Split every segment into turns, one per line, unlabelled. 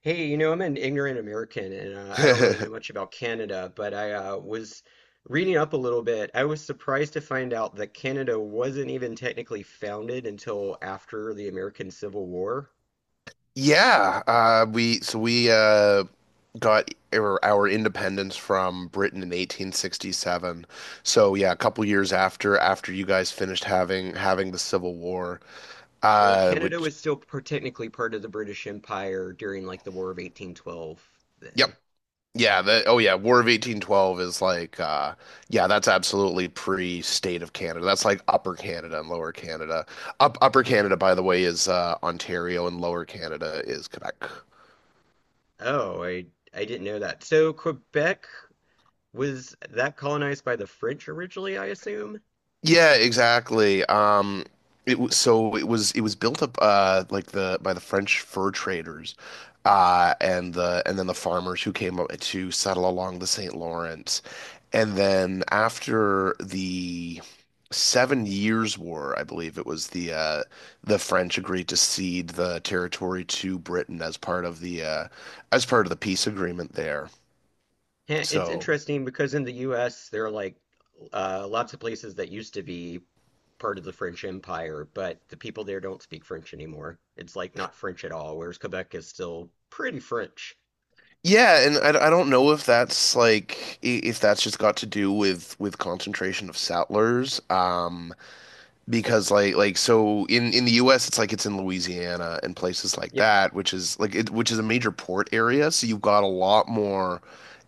Hey, you know, I'm an ignorant American and I don't really know much about Canada, but I was reading up a little bit. I was surprised to find out that Canada wasn't even technically founded until after the American Civil War.
Yeah, we so we got our independence from Britain in 1867. So yeah, a couple years after you guys finished having the Civil War,
So Canada
which
was still technically part of the British Empire during like the War of 1812
yep,
then.
yeah, the
Yeah.
oh yeah, War of 1812 is like yeah, that's absolutely pre-state of Canada. That's like Upper Canada and Lower Canada. Up Upper Canada, by the way, is Ontario, and Lower Canada is Quebec.
Oh, I didn't know that. So Quebec, was that colonized by the French originally, I assume?
Yeah, exactly. It was so it was built up like the by the French fur traders, and then the farmers who came up to settle along the St. Lawrence, and then after the Seven Years' War, I believe it was the French agreed to cede the territory to Britain as part of the as part of the peace agreement there.
Yeah, it's
So.
interesting because in the US there are lots of places that used to be part of the French Empire, but the people there don't speak French anymore. It's like not French at all, whereas Quebec is still pretty French.
Yeah, and I don't know if that's like if that's just got to do with concentration of settlers. Because like so in the US it's like it's in Louisiana and places like
Yep,
that, which is which is a major port area, so you've got a lot more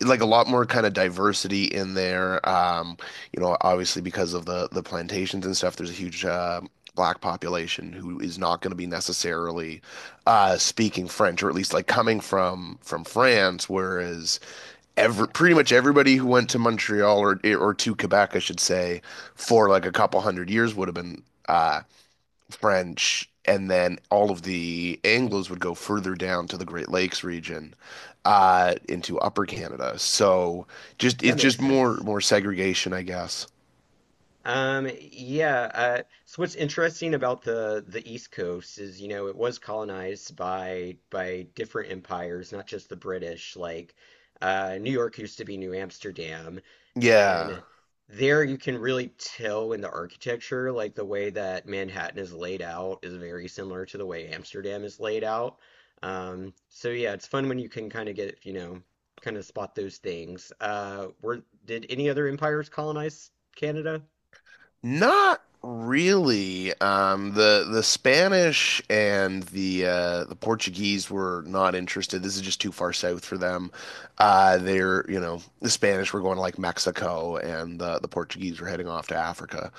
like a lot more kind of diversity in there, obviously because of the plantations and stuff there's a huge black population who is not going to be necessarily speaking French, or at least like coming from France, whereas every
yeah,
pretty much everybody who went to Montreal or to Quebec, I should say, for like a couple hundred years would have been uh, French, and then all of the Anglos would go further down to the Great Lakes region, into Upper Canada. So just
that
it's
makes
just more
sense.
more segregation, I guess.
Yeah, so what's interesting about the East Coast is, you know, it was colonized by different empires, not just the British. Like, New York used to be New Amsterdam,
Yeah.
and there you can really tell in the architecture, like the way that Manhattan is laid out is very similar to the way Amsterdam is laid out. So yeah, it's fun when you can kind of get, you know, kind of spot those things. Were Did any other empires colonize Canada?
Not really. The Spanish and the Portuguese were not interested. This is just too far south for them. They're, the Spanish were going to like Mexico, and the Portuguese were heading off to Africa.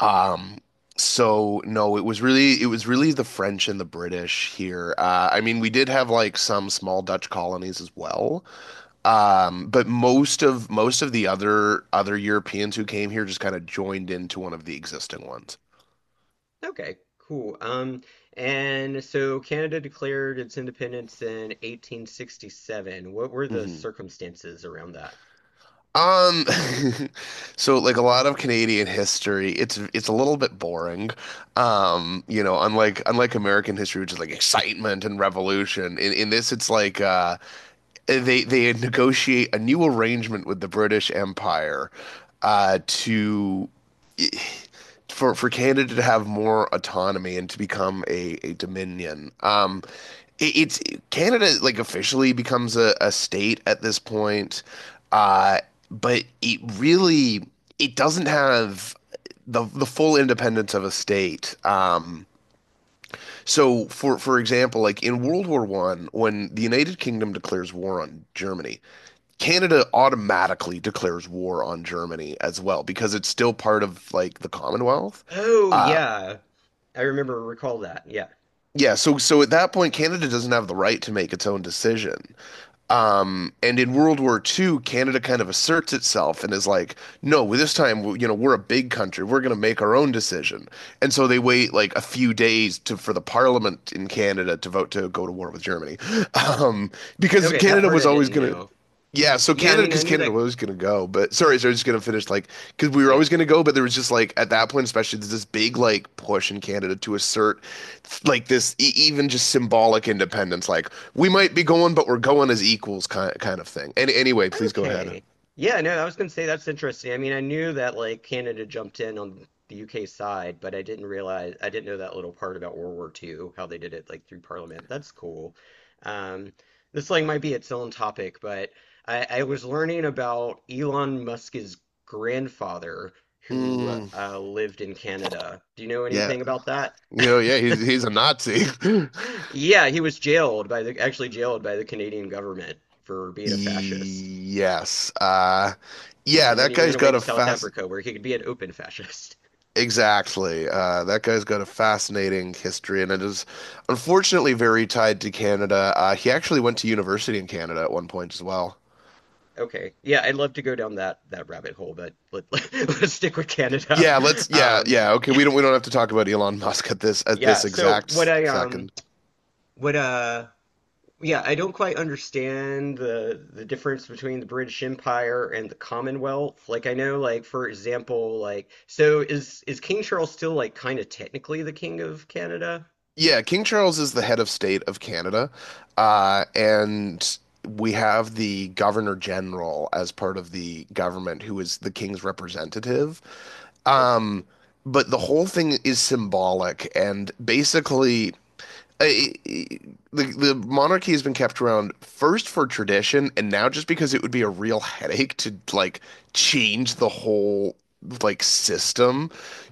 Um, so no, it was really the French and the British here. I mean, we did have like some small Dutch colonies as well. But most of the other Europeans who came here just kind of joined into one of the existing ones.
Okay, cool. And so Canada declared its independence in 1867. What were the
hmm
circumstances around that?
Um, so like a lot of Canadian history, it's a little bit boring. Unlike American history, which is like excitement and revolution. In this, it's like they negotiate a new arrangement with the British Empire, to for Canada to have more autonomy and to become a dominion. It, it's Canada like officially becomes a state at this point, uh, but it doesn't have the full independence of a state. So, for example, like in World War I, when the United Kingdom declares war on Germany, Canada automatically declares war on Germany as well because it's still part of like the Commonwealth.
Oh,
Uh,
yeah. Recall that. Yeah.
yeah, so at that point, Canada doesn't have the right to make its own decision. And in World War II, Canada kind of asserts itself and is like, no, well, this time, we're a big country. We're going to make our own decision. And so they wait like a few days to for the parliament in Canada to vote to go to war with Germany. Um, because
Okay, that
Canada
part
was
I
always
didn't
going to,
know.
yeah, so
Yeah, I
Canada,
mean, I
because
knew
Canada
that.
was going to go, but sorry, so I was just going to finish like, because we were
Yeah.
always going to go, but there was just like, at that point especially, there's this big like push in Canada to assert like this even just symbolic independence, like, we might be going, but we're going as equals, kind of thing. And anyway, please go ahead.
Okay. Yeah, no, I was gonna say that's interesting. I mean, I knew that like Canada jumped in on the UK side, but I didn't know that little part about World War II, how they did it like through Parliament. That's cool. Um, this like might be its own topic, but I was learning about Elon Musk's grandfather who
Mm,
lived in Canada. Do you know
yeah,
anything about that?
yeah, he's he's a Nazi.
Yeah, he was jailed by the actually jailed by the Canadian government for being a fascist.
Yes, yeah,
And then
that
he ran
guy's
away
got
to
a
South
fast.
Africa where he could be an open fascist.
Exactly. That guy's got a fascinating history, and it is unfortunately very tied to Canada. He actually went to university in Canada at one point as well.
Okay. Yeah, I'd love to go down that rabbit hole, but let, let, us stick with Canada.
Yeah, let's. Yeah,
Um
yeah. Okay,
yeah,
we don't. We don't have to talk about Elon Musk at this at
yeah.
this
So what
exact
I
second.
what Yeah, I don't quite understand the difference between the British Empire and the Commonwealth. Like I know, like for example, like so is King Charles still like kind of technically the king of Canada?
Yeah, King Charles is the head of state of Canada, and we have the Governor General as part of the government, who is the King's representative.
Okay.
Um, but the whole thing is symbolic, and basically, I, the monarchy has been kept around first for tradition, and now just because it would be a real headache to like change the whole like system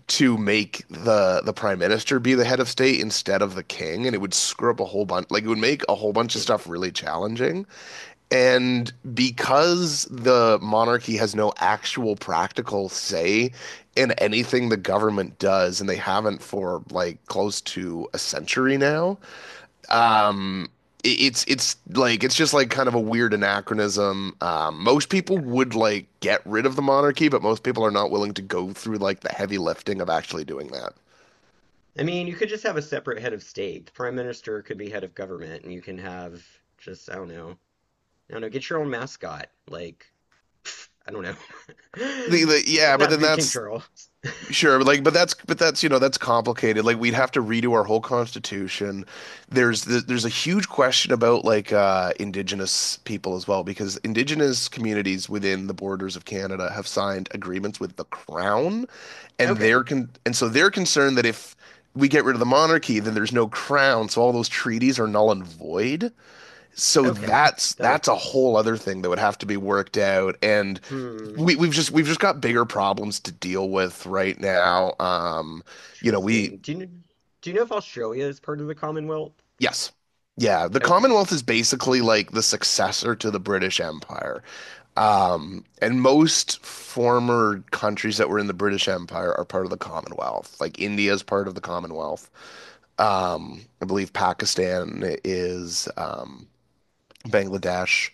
to make the prime minister be the head of state instead of the king, and it would screw up a whole bunch. Like it would make a whole bunch of
Hmm.
stuff really challenging. And because the monarchy has no actual practical say in anything the government does, and they haven't for like close to a century now, um, it's like it's just like kind of a weird anachronism. Most people
Yeah.
would like get rid of the monarchy, but most people are not willing to go through like the heavy lifting of actually doing that.
I mean, you could just have a separate head of state. The prime minister could be head of government, and you can have just, I don't know. I don't know, get your own mascot. Like, pff, I don't know.
The yeah,
Doesn't
but
have to
then
be King
that's.
Charles.
Sure, but like, but that's, you know, that's complicated. Like, we'd have to redo our whole constitution. There's a huge question about like Indigenous people as well, because Indigenous communities within the borders of Canada have signed agreements with the Crown, and
Okay.
and so they're concerned that if we get rid of the monarchy, then there's no Crown, so all those treaties are null and void. So
Okay.
that's
That
that's
makes
a
sense.
whole other thing that would have to be worked out, and
Hmm.
we've just got bigger problems to deal with right now. You know, we
Interesting. Do you know if Australia is part of the Commonwealth?
yes. Yeah, the
Okay.
Commonwealth is basically like the successor to the British Empire. And most former countries that were in the British Empire are part of the Commonwealth. Like India is part of the Commonwealth. I believe Pakistan is Bangladesh.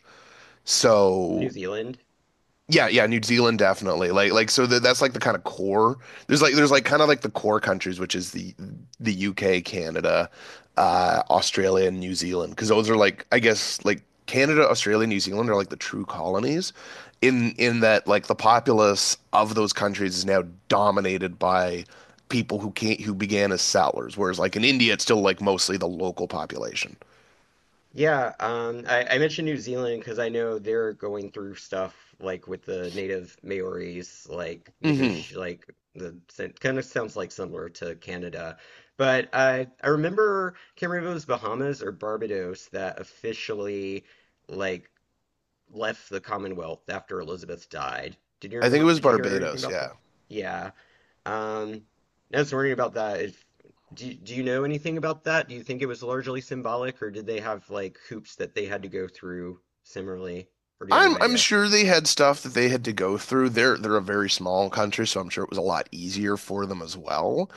New
So.
Zealand?
Yeah, yeah, New Zealand definitely. Like so that's like the kind of core. There's like kind of like the core countries, which is the UK, Canada, Australia and New Zealand, because those are like I guess like Canada, Australia, New Zealand are like the true colonies in that like the populace of those countries is now dominated by people who can't who began as settlers, whereas like in India it's still like mostly the local population.
Yeah, I mentioned New Zealand because I know they're going through stuff like with the native Maoris, like
Mhm.
negoti like the, kind of sounds like similar to Canada. But I remember can't remember if it was Bahamas or Barbados that officially like left the Commonwealth after Elizabeth died. Did you
I think
remember?
it was
Did you hear anything
Barbados,
about
yeah.
that? Yeah. Um, I was wondering about that. If Do you know anything about that? Do you think it was largely symbolic, or did they have like hoops that they had to go through similarly, or do you have no
I'm
idea?
sure they had stuff that they had to go through. They're a very small country, so I'm sure it was a lot easier for them as well.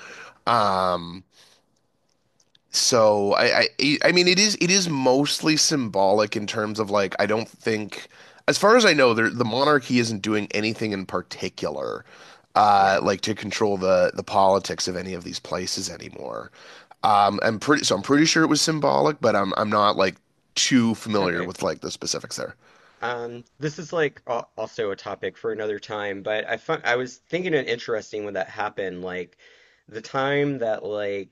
Um, so I mean it is mostly symbolic in terms of like I don't think, as far as I know, the monarchy isn't doing anything in particular
Yeah.
like to control the politics of any of these places anymore. I'm pretty so I'm pretty sure it was symbolic, but I'm not like too familiar
Okay.
with like the specifics there.
This is like also a topic for another time, but I was thinking it interesting when that happened. Like the time that like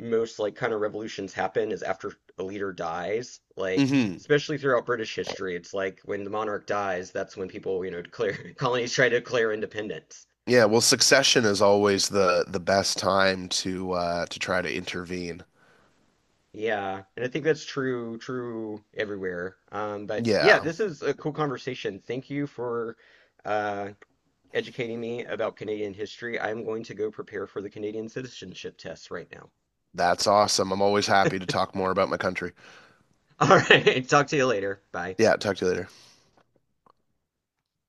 most like kind of revolutions happen is after a leader dies. Like
hmm
especially throughout British history, it's like when the monarch dies, that's when people, you know, declare colonies try to declare independence.
Yeah, well, succession is always the best time to try to intervene.
Yeah, and I think that's true everywhere. But yeah,
Yeah,
this is a cool conversation. Thank you for uh educating me about Canadian history. I'm going to go prepare for the Canadian citizenship test right now.
that's awesome. I'm always happy to talk more about my country.
All right, talk to you later. Bye.
Yeah, talk to you later.